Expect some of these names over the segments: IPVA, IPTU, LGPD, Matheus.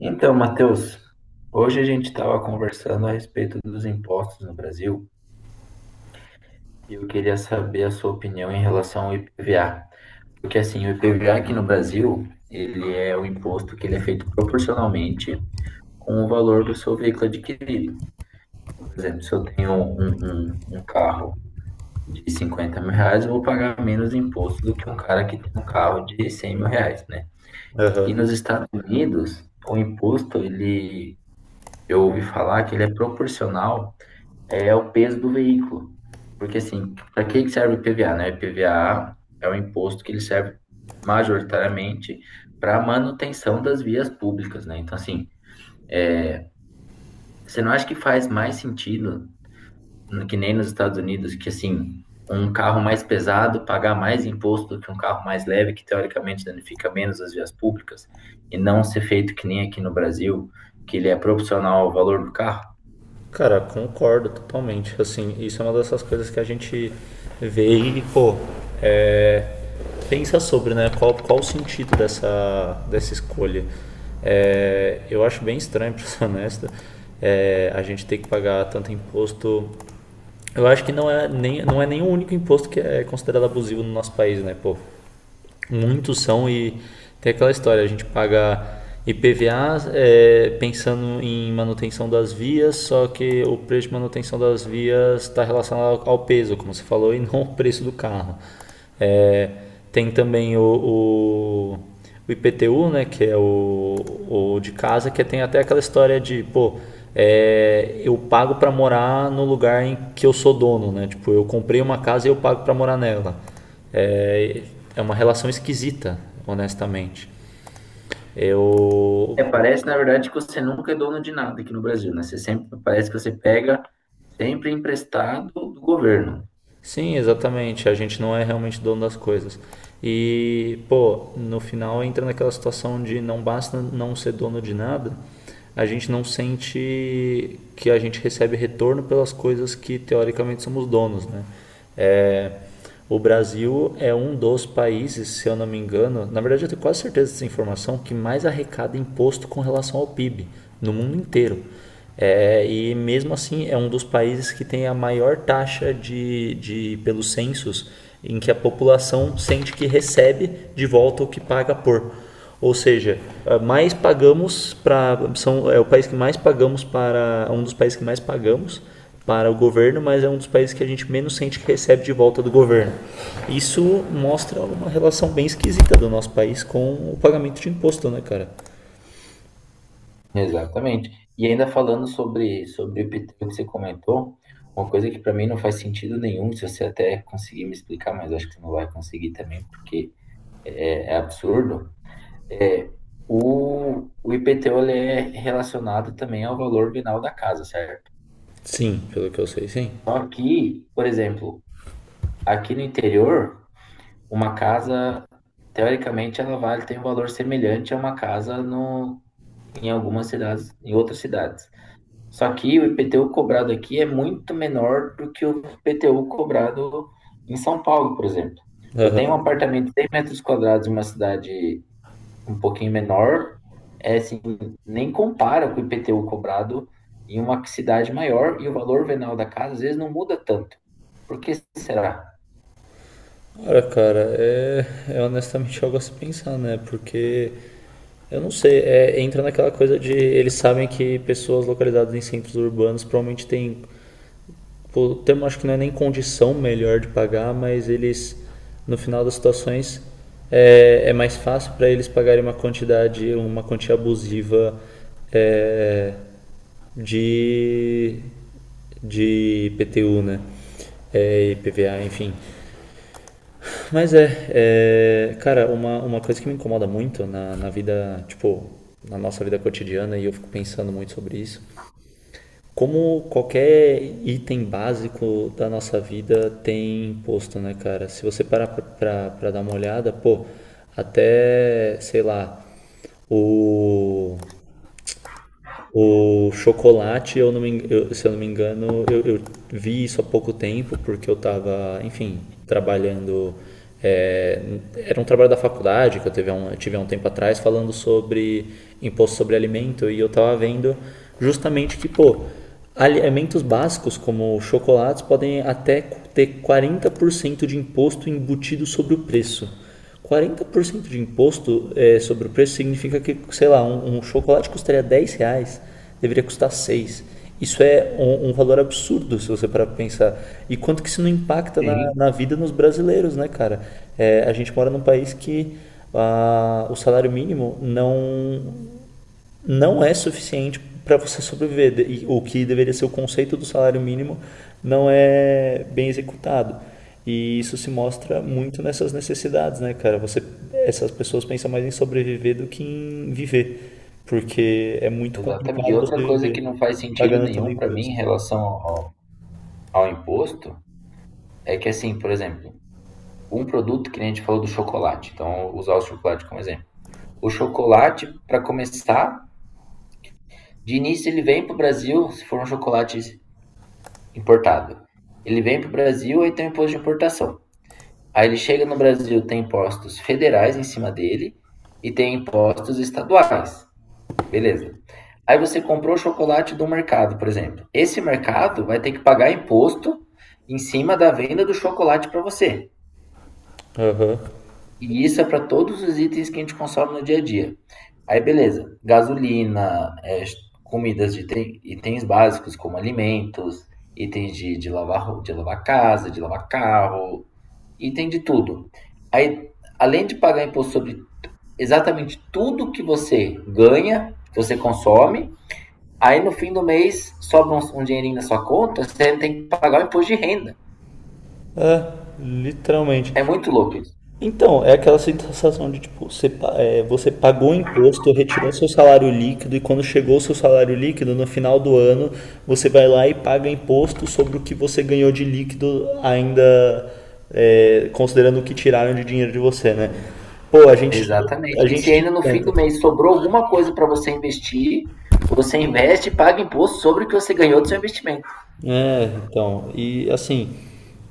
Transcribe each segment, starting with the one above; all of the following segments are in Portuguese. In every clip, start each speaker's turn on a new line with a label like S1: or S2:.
S1: Então, Matheus, hoje a gente estava conversando a respeito dos impostos no Brasil e eu queria saber a sua opinião em relação ao IPVA. Porque assim, o IPVA aqui no Brasil, ele é um imposto que ele é feito proporcionalmente com o valor do seu veículo adquirido. Por exemplo, se eu tenho um carro de 50 mil reais, eu vou pagar menos imposto do que um cara que tem um carro de 100 mil reais, né? E
S2: Aham.
S1: nos Estados Unidos, o imposto, ele, eu ouvi falar que ele é proporcional é o peso do veículo. Porque, assim, para que que serve o IPVA, né? O IPVA é o imposto que ele serve majoritariamente para manutenção das vias públicas, né? Então, assim, é, você não acha que faz mais sentido, que nem nos Estados Unidos, que, assim, um carro mais pesado pagar mais imposto do que um carro mais leve, que teoricamente danifica menos as vias públicas, e não ser feito que nem aqui no Brasil, que ele é proporcional ao valor do carro?
S2: Cara, concordo totalmente. Assim, isso é uma dessas coisas que a gente vê e, pô, é, pensa sobre, né? Qual o sentido dessa escolha? Eu acho bem estranho, pra ser honesto, a gente ter que pagar tanto imposto. Eu acho que não é nem o único imposto que é considerado abusivo no nosso país, né? Pô, muitos são e tem aquela história, a gente paga IPVA pensando em manutenção das vias, só que o preço de manutenção das vias está relacionado ao peso, como você falou, e não ao preço do carro. É, tem também o o IPTU, né, que é o de casa, que tem até aquela história de, pô, eu pago para morar no lugar em que eu sou dono, né? Tipo, eu comprei uma casa e eu pago para morar nela. É, é uma relação esquisita, honestamente.
S1: É,
S2: Eu.
S1: parece, na verdade, que você nunca é dono de nada aqui no Brasil, né? Você sempre, parece que você pega sempre emprestado do governo.
S2: Sim, exatamente. A gente não é realmente dono das coisas. E, pô, no final entra naquela situação de não basta não ser dono de nada, a gente não sente que a gente recebe retorno pelas coisas que teoricamente somos donos, né? É, o Brasil é um dos países, se eu não me engano, na verdade eu tenho quase certeza dessa informação, que mais arrecada imposto com relação ao PIB no mundo inteiro. E mesmo assim é um dos países que tem a maior taxa de pelos censos em que a população sente que recebe de volta o que paga por. Ou seja, mais pagamos para são é o país que mais pagamos para um dos países que mais pagamos para o governo, mas é um dos países que a gente menos sente que recebe de volta do governo. Isso mostra uma relação bem esquisita do nosso país com o pagamento de imposto, né, cara?
S1: Exatamente. E ainda falando sobre o IPTU que você comentou, uma coisa que para mim não faz sentido nenhum, se você até conseguir me explicar, mas acho que você não vai conseguir também, porque é absurdo, é o IPTU ele é relacionado também ao valor venal da casa, certo?
S2: Sim, pelo que eu sei, sim.
S1: Só que, por exemplo, aqui no interior, uma casa, teoricamente, ela vale, tem um valor semelhante a uma casa no, em algumas cidades, em outras cidades. Só que o IPTU cobrado aqui é muito menor do que o IPTU cobrado em São Paulo, por exemplo. Eu tenho um
S2: Aham.
S1: apartamento de 100 metros quadrados em uma cidade um pouquinho menor, assim, nem compara com o IPTU cobrado em uma cidade maior e o valor venal da casa às vezes não muda tanto. Por que será?
S2: Olha, cara, é honestamente algo a se pensar, né? Porque eu não sei, entra naquela coisa de eles sabem que pessoas localizadas em centros urbanos provavelmente têm o termo acho que não é nem condição melhor de pagar, mas eles, no final das situações, é mais fácil para eles pagarem uma quantidade, uma quantia abusiva é, de, de IPTU né? IPVA enfim. Mas cara, uma coisa que me incomoda muito na vida, tipo, na nossa vida cotidiana, e eu fico pensando muito sobre isso, como qualquer item básico da nossa vida tem imposto, né, cara? Se você parar pra dar uma olhada, pô, até, sei lá, o o chocolate, eu não me, eu- se eu não me engano, eu vi isso há pouco tempo, porque eu estava, enfim, trabalhando. é, era um trabalho da faculdade que eu tive há um tempo atrás, falando sobre imposto sobre alimento, e eu estava vendo justamente que, pô, alimentos básicos como chocolates podem até ter 40% de imposto embutido sobre o preço. 40% de imposto sobre o preço significa que, sei lá, um chocolate custaria R$ 10, deveria custar seis. Isso é um valor absurdo se você parar para pensar. E quanto que isso não impacta na,
S1: Sim.
S2: na vida nos brasileiros, né, cara? A gente mora num país que ah, o salário mínimo não é suficiente para você sobreviver. E o que deveria ser o conceito do salário mínimo não é bem executado. E isso se mostra muito nessas necessidades, né, cara? Essas pessoas pensam mais em sobreviver do que em viver, porque é muito
S1: Exatamente. E
S2: complicado você
S1: outra coisa que
S2: viver
S1: não faz sentido
S2: pagando também
S1: nenhum para mim
S2: imposto.
S1: em relação ao imposto é que, assim, por exemplo, um produto que nem a gente falou do chocolate, então vou usar o chocolate como exemplo. O chocolate, para começar, de início ele vem para o Brasil, se for um chocolate importado. Ele vem para o Brasil e tem um imposto de importação. Aí ele chega no Brasil, tem impostos federais em cima dele e tem impostos estaduais. Beleza. Aí você comprou o chocolate do mercado, por exemplo. Esse mercado vai ter que pagar imposto em cima da venda do chocolate para você.
S2: Aham.
S1: E isso é para todos os itens que a gente consome no dia a dia. Aí, beleza. Gasolina, comidas de itens básicos, como alimentos, itens de lavar, de lavar casa, de lavar carro, item de tudo. Aí, além de pagar imposto sobre exatamente tudo que você ganha, que você consome. Aí no fim do mês sobra um dinheirinho na sua conta, você tem que pagar o imposto de renda.
S2: É, literalmente.
S1: É muito louco isso.
S2: Então, é aquela sensação de tipo, você pagou o imposto, retirou seu salário líquido e quando chegou o seu salário líquido, no final do ano, você vai lá e paga imposto sobre o que você ganhou de líquido ainda considerando o que tiraram de dinheiro de você, né? Pô, a
S1: Exatamente. E se
S2: gente tinha
S1: ainda no fim do
S2: um.
S1: mês sobrou alguma coisa para você investir, você investe e paga imposto sobre o que você ganhou do seu investimento.
S2: Então, e assim,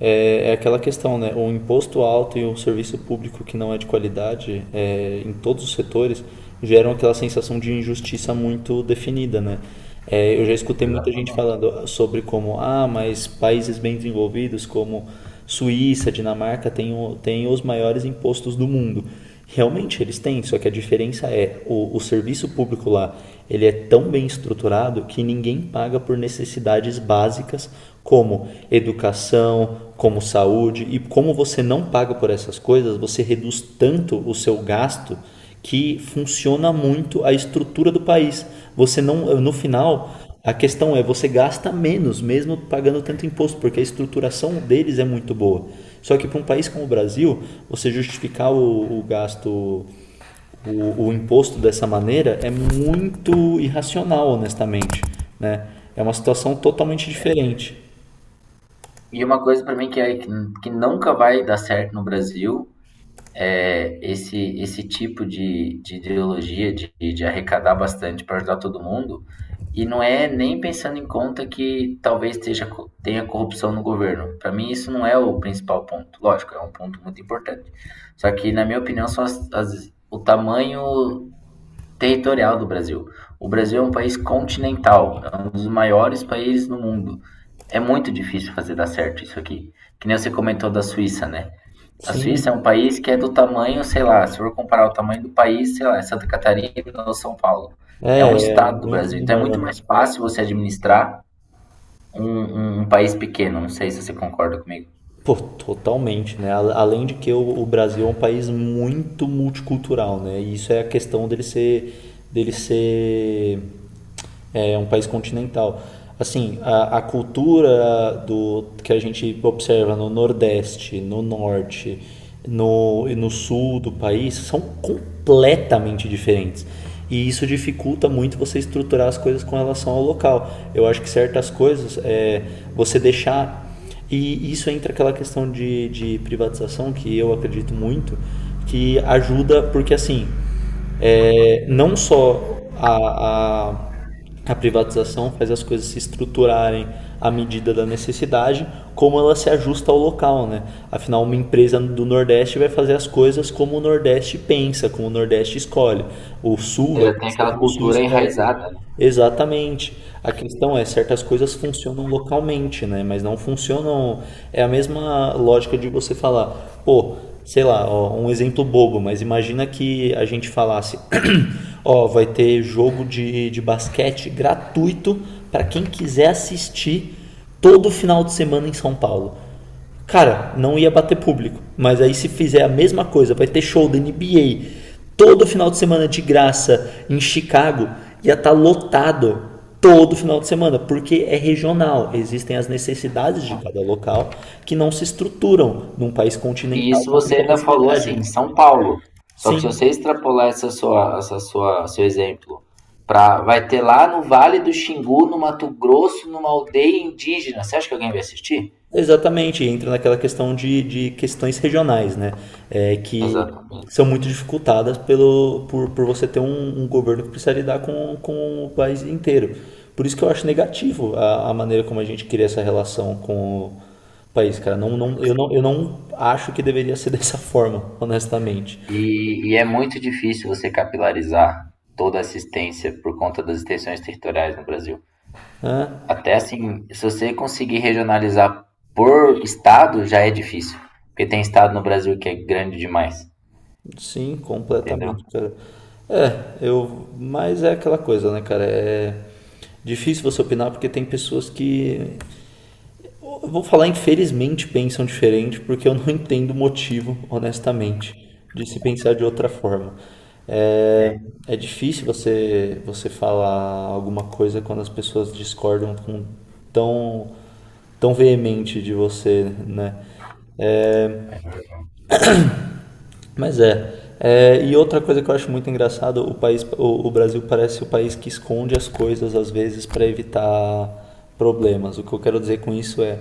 S2: é aquela questão, né? O imposto alto e o serviço público que não é de qualidade, em todos os setores, geram aquela sensação de injustiça muito definida, né? Eu já escutei muita gente
S1: Exatamente.
S2: falando sobre como, ah, mas países bem desenvolvidos como Suíça, Dinamarca têm, têm os maiores impostos do mundo. Realmente eles têm, só que a diferença é o serviço público lá ele é tão bem estruturado que ninguém paga por necessidades básicas como educação, como saúde e como você não paga por essas coisas, você reduz tanto o seu gasto que funciona muito a estrutura do país. Você não, No final, a questão é, você gasta menos, mesmo pagando tanto imposto, porque a estruturação deles é muito boa. Só que para um país como o Brasil, você justificar o gasto, o imposto dessa maneira é muito irracional, honestamente. Né? É uma situação totalmente diferente.
S1: E uma coisa para mim que, que nunca vai dar certo no Brasil é, esse tipo de ideologia de arrecadar bastante para ajudar todo mundo, e não é nem pensando em conta que talvez tenha corrupção no governo. Para mim, isso não é o principal ponto. Lógico, é um ponto muito importante. Só que, na minha opinião, são o tamanho territorial do Brasil. O Brasil é um país continental, é um dos maiores países no mundo. É muito difícil fazer dar certo isso aqui. Que nem você comentou da Suíça, né? A Suíça é
S2: Sim,
S1: um país que é do tamanho, sei lá, se for comparar o tamanho do país, sei lá, é Santa Catarina ou São Paulo. É um
S2: é
S1: estado do
S2: muito
S1: Brasil, então é muito
S2: menor.
S1: mais fácil você administrar um país pequeno. Não sei se você concorda comigo.
S2: Pô, totalmente, né? Além de que o Brasil é um país muito multicultural, né? E isso é a questão dele ser um país continental. Assim, a cultura do que a gente observa no Nordeste, no Norte, no, e no Sul do país são completamente diferentes. E isso dificulta muito você estruturar as coisas com relação ao local. Eu acho que certas coisas, você deixar, e isso entra aquela questão de privatização que eu acredito muito, que ajuda, porque assim, não só a privatização faz as coisas se estruturarem à medida da necessidade, como ela se ajusta ao local, né? Afinal, uma empresa do Nordeste vai fazer as coisas como o Nordeste pensa, como o Nordeste escolhe. O Sul
S1: Você
S2: vai
S1: já tem
S2: pensar
S1: aquela
S2: como o Sul
S1: cultura
S2: escolhe.
S1: enraizada, né?
S2: Exatamente. A questão é, certas coisas funcionam localmente, né? Mas não funcionam. É a mesma lógica de você falar, pô, sei lá, ó, um exemplo bobo, mas imagina que a gente falasse, ó, vai ter jogo de basquete gratuito para quem quiser assistir todo final de semana em São Paulo. Cara, não ia bater público. Mas aí se fizer a mesma coisa, vai ter show da NBA todo final de semana de graça em Chicago, ia estar lotado todo final de semana, porque é regional. Existem as necessidades de cada local que não se estruturam num país
S1: E
S2: continental
S1: isso
S2: com
S1: você
S2: tanta
S1: ainda falou assim,
S2: facilidade.
S1: em São Paulo. Só que se você
S2: Sim.
S1: extrapolar seu exemplo, vai ter lá no Vale do Xingu, no Mato Grosso, numa aldeia indígena. Você acha que alguém vai assistir?
S2: Exatamente, entra naquela questão de questões regionais, né? Que
S1: Exatamente.
S2: são muito dificultadas pelo, por você ter um governo que precisa lidar com o país inteiro. Por isso que eu acho negativo a maneira como a gente cria essa relação com o país, cara. Não, não, não, eu não acho que deveria ser dessa forma, honestamente.
S1: E é muito difícil você capilarizar toda a assistência por conta das extensões territoriais no Brasil.
S2: Né?
S1: Até assim, se você conseguir regionalizar por estado, já é difícil. Porque tem estado no Brasil que é grande demais,
S2: Sim,
S1: entendeu?
S2: completamente, cara. Mas é aquela coisa, né, cara? É difícil você opinar porque tem pessoas que eu vou falar infelizmente pensam diferente, porque eu não entendo o motivo, honestamente, de se pensar de outra forma. É,
S1: É.
S2: é difícil você, você falar alguma coisa quando as pessoas discordam com tão, tão veemente de você, né? Mas é. E outra coisa que eu acho muito engraçado, o Brasil parece o país que esconde as coisas às vezes para evitar problemas. O que eu quero dizer com isso é,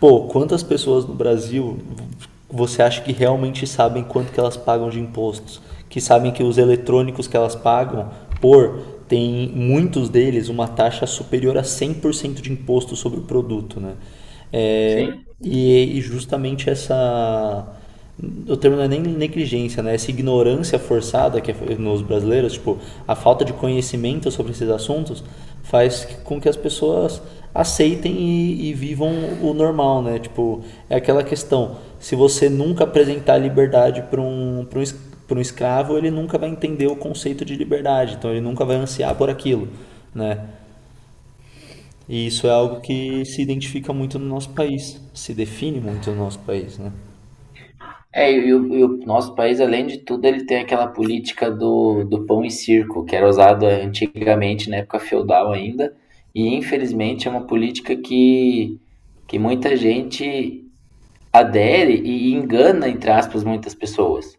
S2: pô, quantas pessoas no Brasil você acha que realmente sabem quanto que elas pagam de impostos? Que sabem que os eletrônicos que elas pagam por tem muitos deles uma taxa superior a 100% de imposto sobre o produto, né? É,
S1: Sim.
S2: e justamente essa. O termo não é nem negligência, né? Essa ignorância forçada que é nos brasileiros, tipo, a falta de conhecimento sobre esses assuntos faz com que as pessoas aceitem e vivam o normal, né? Tipo, é aquela questão, se você nunca apresentar liberdade pra um escravo, ele nunca vai entender o conceito de liberdade, então ele nunca vai ansiar por aquilo, né? E isso é algo que se identifica muito no nosso país, se define muito no nosso país, né?
S1: É, e o nosso país, além de tudo, ele tem aquela política do pão e circo, que era usada antigamente, na época feudal ainda, e infelizmente é uma política que muita gente adere e engana, entre aspas, muitas pessoas.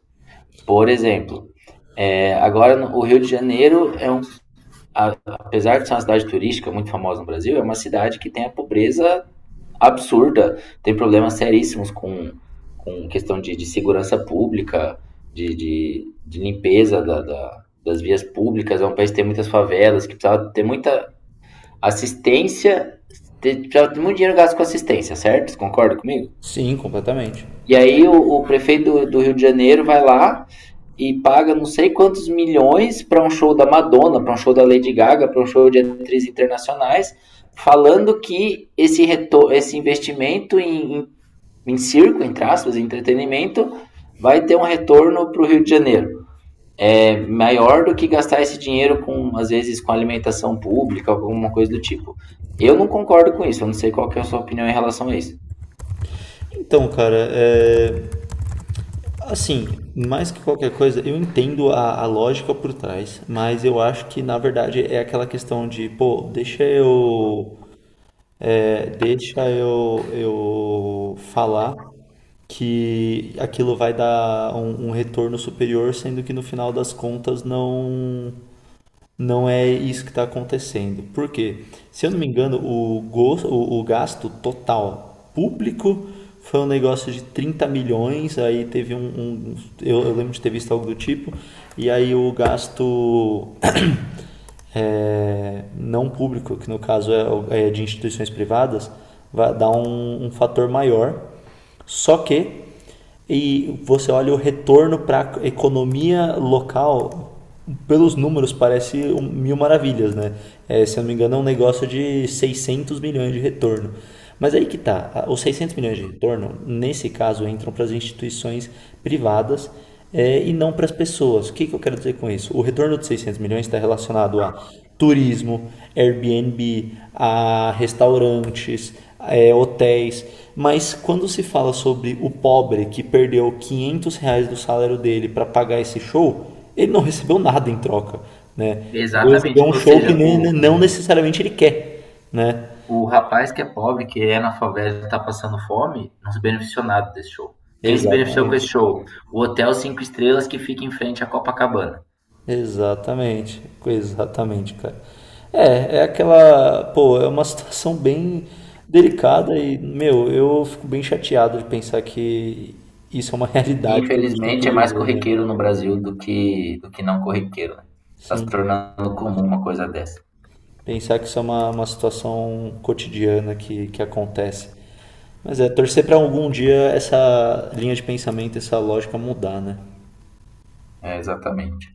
S1: Por exemplo, agora o Rio de Janeiro apesar de ser uma cidade turística muito famosa no Brasil, é uma cidade que tem a pobreza absurda, tem problemas seríssimos com, questão de segurança pública, de limpeza das vias públicas, é um país que tem muitas favelas, que precisava ter muita assistência, precisava ter muito dinheiro gasto com assistência, certo? Você concorda comigo?
S2: Sim, completamente.
S1: E aí o prefeito do Rio de Janeiro vai lá e paga não sei quantos milhões para um show da Madonna, para um show da Lady Gaga, para um show de atrizes internacionais, falando que esse investimento em circo, entre aspas, em entretenimento, vai ter um retorno para o Rio de Janeiro. É maior do que gastar esse dinheiro com, às vezes, com alimentação pública, alguma coisa do tipo. Eu não concordo com isso, eu não sei qual que é a sua opinião em relação a isso.
S2: Então, cara, assim, mais que qualquer coisa, eu entendo a lógica por trás, mas eu acho que na verdade é aquela questão de, pô, deixa eu falar que aquilo vai dar um retorno superior, sendo que no final das contas não. Não é isso que está acontecendo. Por quê? Se eu não me engano, o gasto total público foi um negócio de 30 milhões, aí teve um. Eu lembro de ter visto algo do tipo, e aí o gasto não público, que no caso é de instituições privadas, vai dar um fator maior. Só que e você olha o retorno para a economia local, pelos números parece mil maravilhas, né? Se eu não me engano, é um negócio de 600 milhões de retorno. Mas aí que tá, os 600 milhões de retorno, nesse caso, entram para as instituições privadas e não para as pessoas. O que, que eu quero dizer com isso? O retorno de 600 milhões está relacionado a turismo, Airbnb, a restaurantes, hotéis. Mas quando se fala sobre o pobre que perdeu R$ 500 do salário dele para pagar esse show, ele não recebeu nada em troca, né? Ele recebeu
S1: Exatamente.
S2: um
S1: Ou
S2: show que
S1: seja,
S2: não
S1: o, o
S2: necessariamente ele quer, né?
S1: O rapaz que é pobre, que é na favela e tá passando fome, não se beneficiou nada desse show. Quem se beneficiou com esse
S2: Exatamente.
S1: show? O hotel 5 estrelas que fica em frente à Copacabana.
S2: Exatamente, exatamente, cara. É aquela, pô, é uma situação bem delicada e, meu, eu fico bem chateado de pensar que isso é uma realidade que a gente tem que
S1: Infelizmente é mais
S2: viver, né?
S1: corriqueiro no Brasil do que, não corriqueiro. Né? Tá se
S2: Sim,
S1: tornando comum uma coisa dessa.
S2: pensar que isso é uma situação cotidiana que acontece. Mas torcer pra algum dia essa linha de pensamento, essa lógica mudar, né?
S1: É, exatamente.